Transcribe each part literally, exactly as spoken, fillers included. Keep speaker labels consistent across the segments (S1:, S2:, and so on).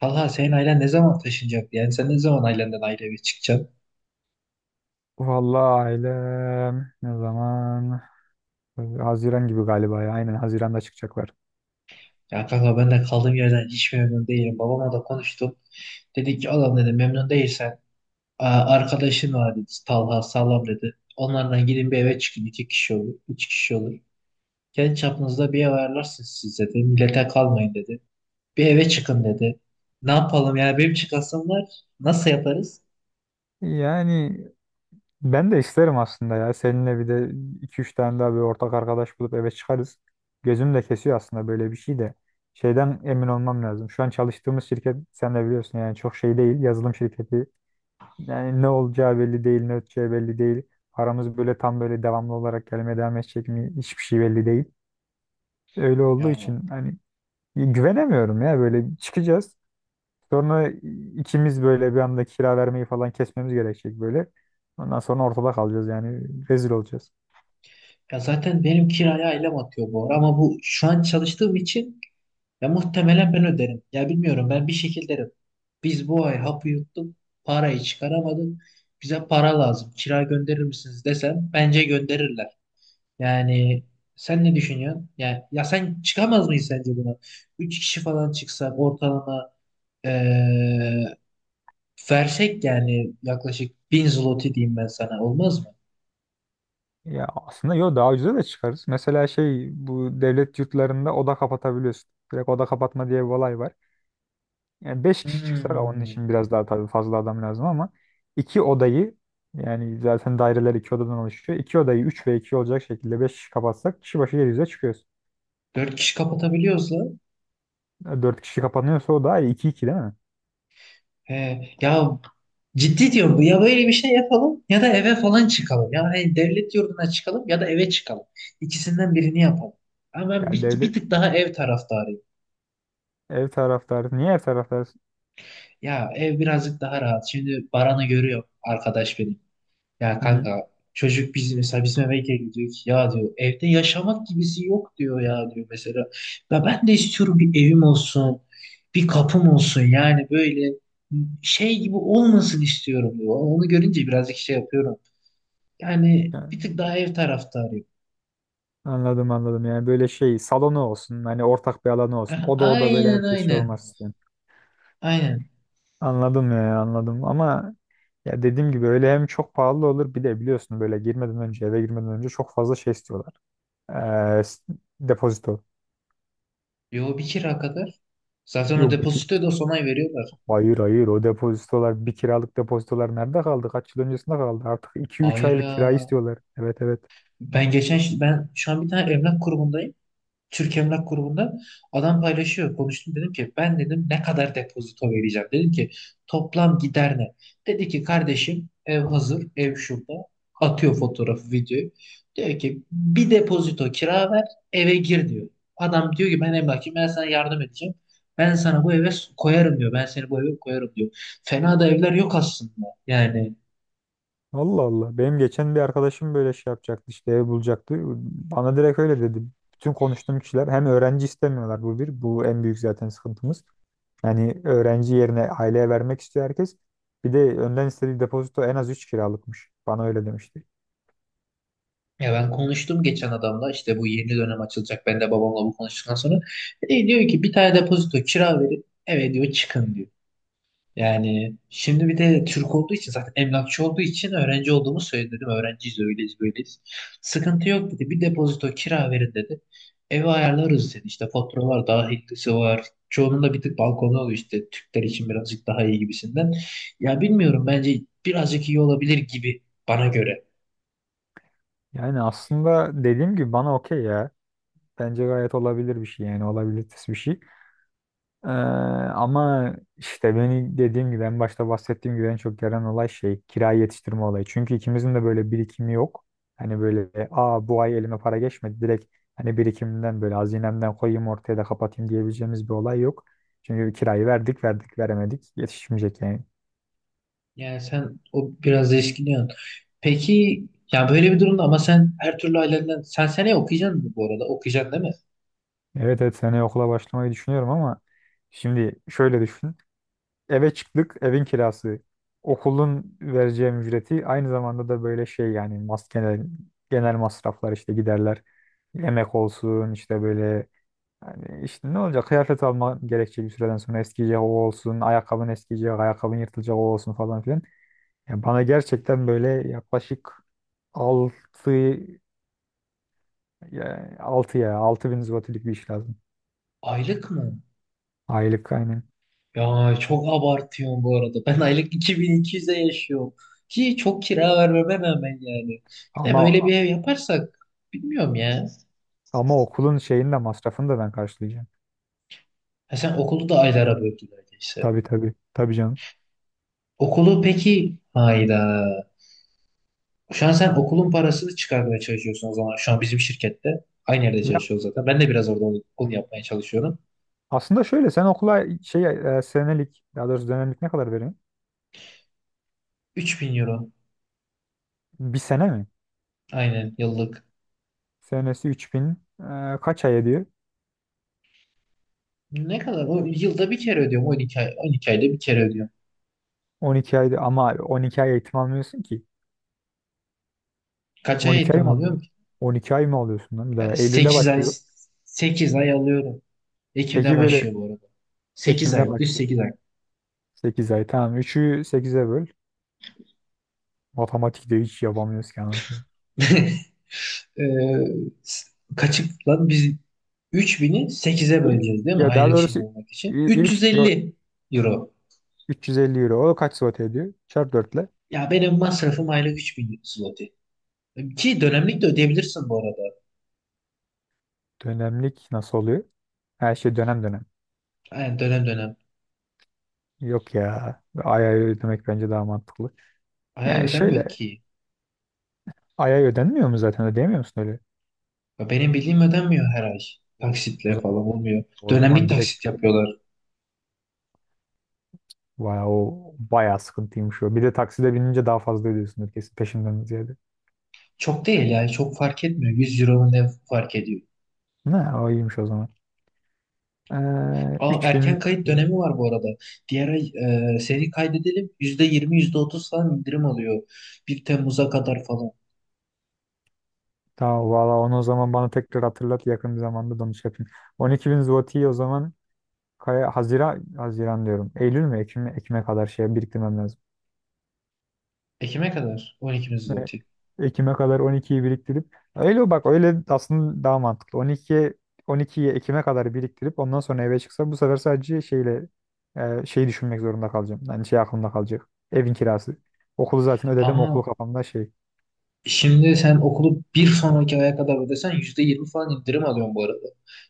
S1: Kanka senin ailen ne zaman taşınacak? Yani sen ne zaman ailenden ayrı eve çıkacaksın?
S2: Vallahi ailem ne zaman? Haziran gibi galiba ya. Aynen Haziran'da çıkacaklar.
S1: Ya kanka ben de kaldığım yerden hiç memnun değilim. Babamla da konuştum. Dedi ki oğlum dedi memnun değilsen "Aa, arkadaşın var dedi. Talha sağlam dedi. Onlardan gidin bir eve çıkın. İki kişi olur. Üç kişi olur. Kendi çapınızda bir ev ayarlarsınız siz dedi. Millete kalmayın dedi. Bir eve çıkın dedi. Ne yapalım yani benim çıkasım var. Nasıl yaparız?
S2: Yani ben de isterim aslında ya. Seninle bir de iki üç tane daha bir ortak arkadaş bulup eve çıkarız. Gözüm de kesiyor aslında böyle bir şey de. Şeyden emin olmam lazım. Şu an çalıştığımız şirket sen de biliyorsun, yani çok şey değil. Yazılım şirketi. Yani ne olacağı belli değil, ne öteceği belli değil. Paramız böyle tam böyle devamlı olarak gelmeye devam edecek mi? Hiçbir şey belli değil. Öyle olduğu
S1: Ya,
S2: için hani e, güvenemiyorum ya, böyle çıkacağız. Sonra ikimiz böyle bir anda kira vermeyi falan kesmemiz gerekecek böyle. Ondan sonra ortada kalacağız, yani rezil olacağız.
S1: ya zaten benim kiraya ailem atıyor bu ara, ama bu şu an çalıştığım için. Ya muhtemelen ben öderim. Ya bilmiyorum ben bir şekilde öderim. Biz bu ay hapı yuttuk. Parayı çıkaramadık. Bize para lazım. Kira gönderir misiniz desem bence gönderirler. Yani sen ne düşünüyorsun? Yani, ya sen çıkamaz mıyız sence buna? Üç kişi falan çıksak ortalama eee, versek yani yaklaşık bin zloty diyeyim ben sana olmaz mı?
S2: Ya aslında yo, daha ucuza da çıkarız. Mesela şey, bu devlet yurtlarında oda kapatabiliyorsun. Direkt oda kapatma diye bir olay var. Yani beş kişi çıksak onun
S1: Hmm.
S2: için biraz daha tabii fazla adam lazım, ama iki odayı, yani zaten daireler iki odadan oluşuyor. İki odayı üç ve iki olacak şekilde beş kişi kapatsak kişi başı yedi yüze çıkıyoruz.
S1: Dört kişi kapatabiliyorsa
S2: E, Dört kişi kapanıyorsa o daha iyi. İki 2 değil mi?
S1: he, ya ciddi diyorum bu. Ya böyle bir şey yapalım ya da eve falan çıkalım. Ya hani devlet yurduna çıkalım ya da eve çıkalım. İkisinden birini yapalım. Ama ben
S2: Yani
S1: bir, bir
S2: devlet
S1: tık daha ev taraftarıyım.
S2: ev taraftarı. Niye ev taraftarı?
S1: Ya ev birazcık daha rahat. Şimdi Baran'ı görüyor arkadaş benim. Ya
S2: Hı hı.
S1: kanka çocuk bizim mesela bizim eve geliyor ki ya diyor evde yaşamak gibisi yok diyor ya diyor mesela. Ya ben de istiyorum bir evim olsun. Bir kapım olsun yani böyle şey gibi olmasın istiyorum diyor. Onu görünce birazcık şey yapıyorum. Yani bir tık
S2: Yani
S1: daha ev taraftarıyım.
S2: anladım anladım. Yani böyle şey salonu olsun. Hani ortak bir alanı olsun. Oda oda böyle
S1: Aynen
S2: herkes şey
S1: aynen.
S2: olmaz istiyorum.
S1: Aynen.
S2: Anladım ya anladım, ama ya dediğim gibi öyle hem çok pahalı olur, bir de biliyorsun böyle girmeden önce, eve girmeden önce çok fazla şey istiyorlar. Ee, s- depozito.
S1: Yo bir kira kadar. Zaten o
S2: Yok bir ki.
S1: depozitoyu da son ay veriyorlar.
S2: Hayır hayır, o depozitolar, bir kiralık depozitolar nerede kaldı? Kaç yıl öncesinde kaldı? Artık iki üç
S1: Hayır
S2: aylık kira
S1: ya.
S2: istiyorlar. Evet evet.
S1: Ben geçen ben şu an bir tane emlak grubundayım. Türk Emlak Grubu'nda adam paylaşıyor. Konuştum dedim ki ben dedim ne kadar depozito vereceğim. Dedim ki toplam gider ne? Dedi ki kardeşim ev hazır, ev şurada. Atıyor fotoğrafı, videoyu. Diyor ki bir depozito kira ver, eve gir diyor. Adam diyor ki ben emlakçıyım, ben sana yardım edeceğim. Ben sana bu eve koyarım diyor. Ben seni bu eve koyarım diyor. Fena da evler yok aslında. Yani
S2: Allah Allah. Benim geçen bir arkadaşım böyle şey yapacaktı, işte ev bulacaktı. Bana direkt öyle dedi. Bütün konuştuğum kişiler hem öğrenci istemiyorlar, bu bir. Bu en büyük zaten sıkıntımız. Yani öğrenci yerine aileye vermek istiyor herkes. Bir de önden istediği depozito en az üç kiralıkmış. Bana öyle demişti.
S1: ya ben konuştum geçen adamla işte bu yeni dönem açılacak. Ben de babamla bu konuştuktan sonra. E, diyor ki bir tane depozito kira verip eve diyor çıkın diyor. Yani şimdi bir de Türk olduğu için zaten emlakçı olduğu için öğrenci olduğumu söyledi dedim. Öğrenciyiz öyleyiz böyleyiz. Sıkıntı yok dedi. Bir depozito kira verin dedi. Evi ayarlarız dedi. İşte faturalar dahilisi var. Çoğunun da bir tık balkonu oluyor işte Türkler için birazcık daha iyi gibisinden. Ya bilmiyorum bence birazcık iyi olabilir gibi bana göre.
S2: Yani aslında dediğim gibi bana okey ya. Bence gayet olabilir bir şey, yani olabilitesi bir şey. Ee, ama işte beni, dediğim gibi en başta bahsettiğim gibi, en çok gelen olay şey kirayı yetiştirme olayı. Çünkü ikimizin de böyle birikimi yok. Hani böyle, aa bu ay elime para geçmedi direkt, hani birikimden böyle hazinemden koyayım ortaya da kapatayım diyebileceğimiz bir olay yok. Çünkü kirayı verdik verdik veremedik, yetişmeyecek yani.
S1: Yani sen o biraz eşkiniyorsun. Peki ya böyle bir durumda, ama sen her türlü ailenden sen seneye okuyacaksın mı bu arada? Okuyacaksın değil mi?
S2: Evet evet, seneye okula başlamayı düşünüyorum, ama şimdi şöyle düşün. Eve çıktık, evin kirası, okulun vereceğim ücreti, aynı zamanda da böyle şey, yani mas, genel, genel masraflar, işte giderler. Yemek olsun, işte böyle, yani işte ne olacak, kıyafet alma gerekecek, bir süreden sonra eskiyecek o olsun, ayakkabın eskiyecek, ayakkabın yırtılacak o olsun falan filan. Yani bana gerçekten böyle yaklaşık altı, ya altı ya altı bin zlotilik bir iş lazım.
S1: Aylık mı?
S2: Aylık aynen.
S1: Ya çok abartıyorsun bu arada. Ben aylık iki bin iki yüze yaşıyorum. Ki çok kira vermeme rağmen yani. Bir de böyle
S2: Ama
S1: bir ev yaparsak bilmiyorum ya.
S2: ama okulun şeyini de masrafını da ben karşılayacağım.
S1: Ha sen okulu da aylara böldün öyleyse.
S2: Tabii tabii. Tabii canım.
S1: Okulu peki hayda. Şu an sen okulun parasını çıkarmaya çalışıyorsun o zaman. Şu an bizim şirkette. Aynı yerde
S2: Ya
S1: çalışıyoruz zaten. Ben de biraz orada onu, onu yapmaya çalışıyorum.
S2: aslında şöyle, sen okula şey, e, senelik, daha doğrusu dönemlik ne kadar veriyorsun?
S1: üç bin euro.
S2: Bir sene mi?
S1: Aynen yıllık.
S2: Senesi üç bin, e, kaç ay ediyor?
S1: Ne kadar? O yılda bir kere ödüyorum. on iki ay, on iki ayda bir kere ödüyorum.
S2: on iki aydı ama on iki ay eğitim almıyorsun ki.
S1: Kaç ay
S2: on iki ay
S1: eğitim
S2: mı? al-
S1: alıyorum ki?
S2: on iki ay mı alıyorsun lan bir daha? Eylül'de
S1: Sekiz ay.
S2: başlıyor.
S1: Sekiz ay alıyorum. Ekim'de
S2: Peki böyle
S1: başlıyor bu arada. Sekiz
S2: Ekim'de
S1: ay, düz
S2: başlıyor.
S1: sekiz ay.
S2: Sekiz ay tamam. üçü sekize böl. Matematikte hiç yapamıyoruz ki anasını.
S1: Ee, s- Kaçık lan biz üç bini sekize
S2: İlk-
S1: böleceğiz değil mi?
S2: ya daha
S1: Aylık şey
S2: doğrusu i-
S1: olmak için. 350
S2: ilk yo,
S1: euro.
S2: üç yüz elli euro. O kaç saat ediyor? Çarp dörtle.
S1: Ya benim masrafım aylık üç bin zloty. Ki dönemlik de ödeyebilirsin bu arada.
S2: Dönemlik nasıl oluyor? Her şey dönem dönem.
S1: Yani dönem dönem.
S2: Yok ya. Ay ay ödemek bence daha mantıklı.
S1: Ay
S2: Yani
S1: ödenmiyor
S2: şöyle,
S1: ki.
S2: ay ay ödenmiyor mu zaten, ödeyemiyor musun öyle?
S1: Ya benim bildiğim ödenmiyor her ay.
S2: O o
S1: Taksitle falan
S2: zaman,
S1: olmuyor.
S2: o
S1: Dönemlik
S2: zaman direkt
S1: taksit yapıyorlar.
S2: vay, o bayağı sıkıntıymış o. Bir de takside binince daha fazla ödüyorsun kesin peşinden ziyade.
S1: Çok değil yani çok fark etmiyor. yüz euro ne fark ediyor.
S2: Ne o, iyiymiş o zaman. Ee,
S1: Aa,
S2: üç
S1: erken
S2: bin.
S1: kayıt dönemi
S2: euro.
S1: var bu arada. Diğer ay e, seni kaydedelim. Yüzde %30 falan indirim alıyor. Bir Temmuz'a kadar falan.
S2: Tamam valla, onu o zaman bana tekrar hatırlat, yakın bir zamanda dönüş yapayım. On iki bin zloty o zaman, Kaya. Haziran, Haziran diyorum. Eylül mü Ekim Ekim'e kadar şeye biriktirmem lazım.
S1: Ekim'e kadar. on iki zloty.
S2: Ekim'e kadar on ikiyi biriktirip öyle bak, öyle aslında daha mantıklı. on iki on ikiyi Ekim'e kadar biriktirip ondan sonra eve çıksa, bu sefer sadece şeyle, e, şeyi düşünmek zorunda kalacağım. Yani şey aklımda kalacak. Evin kirası. Okulu zaten ödedim. Okulu
S1: Ama
S2: kafamda şey.
S1: şimdi sen okulu bir sonraki aya kadar ödesen yüzde yirmi falan indirim alıyorsun bu arada.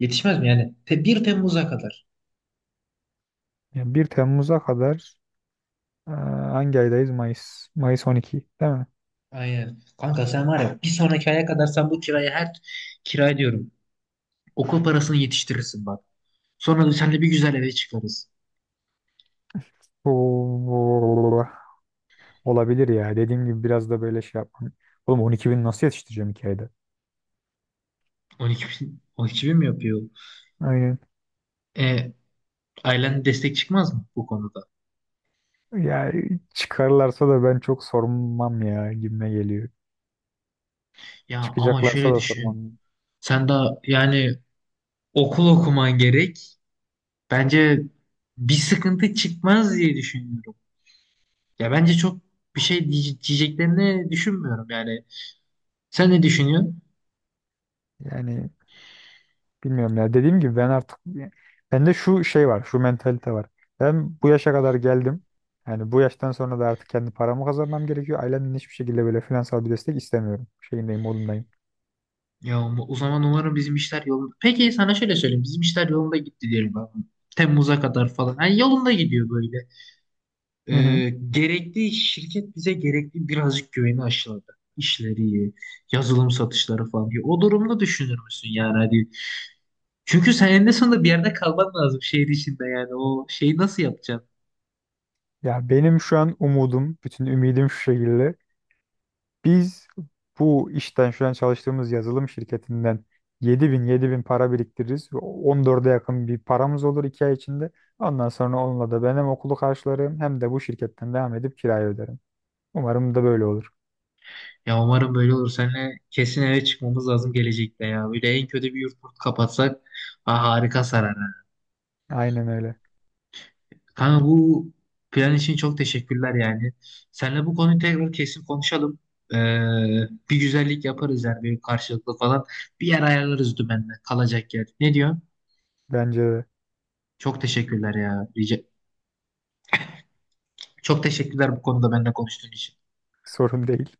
S1: Yetişmez mi yani? Te bir Temmuz'a kadar.
S2: Yani bir Temmuz'a kadar, e, hangi aydayız? Mayıs. Mayıs on iki değil mi?
S1: Aynen. Kanka sen var ya bir sonraki aya kadar sen bu kirayı her kira diyorum. Okul parasını yetiştirirsin bak. Sonra da seninle bir güzel eve çıkarız.
S2: Oo, Olabilir ya. Dediğim gibi biraz da böyle şey yapmam. Oğlum on iki bin nasıl yetiştireceğim iki ayda?
S1: on iki bin, on iki bin mi yapıyor?
S2: Aynen.
S1: E, ailen destek çıkmaz mı bu konuda?
S2: Ya çıkarlarsa da ben çok sormam ya, gibime geliyor.
S1: Ya ama
S2: Çıkacaklarsa
S1: şöyle
S2: da
S1: düşün.
S2: sormam.
S1: Sen daha yani okul okuman gerek. Bence bir sıkıntı çıkmaz diye düşünüyorum. Ya bence çok bir şey diye- diyeceklerini düşünmüyorum yani. Sen ne düşünüyorsun?
S2: Yani bilmiyorum ya. Dediğim gibi ben artık, bende şu şey var, şu mentalite var. Ben bu yaşa kadar geldim. Yani bu yaştan sonra da artık kendi paramı kazanmam gerekiyor. Ailemden hiçbir şekilde böyle finansal bir destek istemiyorum. Şeyindeyim, modundayım.
S1: Ya um- o zaman umarım bizim işler yolunda. Peki sana şöyle söyleyeyim. Bizim işler yolunda gitti diyelim ben. Temmuz'a kadar falan. Yani yolunda gidiyor böyle.
S2: Hı hı.
S1: Ee, gerekli şirket bize gerekli birazcık güveni aşıladı. İşleri, yazılım satışları falan. Ya o durumda düşünür müsün yani hadi. Çünkü sen eninde sonunda bir yerde kalman lazım şehir içinde yani. O şeyi nasıl yapacaksın?
S2: Ya benim şu an umudum, bütün ümidim şu şekilde. Biz bu işten, şu an çalıştığımız yazılım şirketinden, 7000 bin para biriktiririz. on dörde yakın bir paramız olur iki ay içinde. Ondan sonra onunla da ben hem okulu karşılarım hem de bu şirketten devam edip kirayı öderim. Umarım da böyle olur.
S1: Ya umarım böyle olur. Seninle kesin eve çıkmamız lazım gelecekte ya. Böyle en kötü bir yurt kapatsak ha, harika sarar.
S2: Aynen öyle.
S1: Kanka bu plan için çok teşekkürler yani. Seninle bu konuyu tekrar kesin konuşalım. Ee, bir güzellik yaparız yani bir karşılıklı falan. Bir yer ayarlarız dümenle kalacak yer. Ne diyorsun?
S2: Bence de
S1: Çok teşekkürler ya. Rica- Çok teşekkürler bu konuda benimle konuştuğun için.
S2: sorun değil.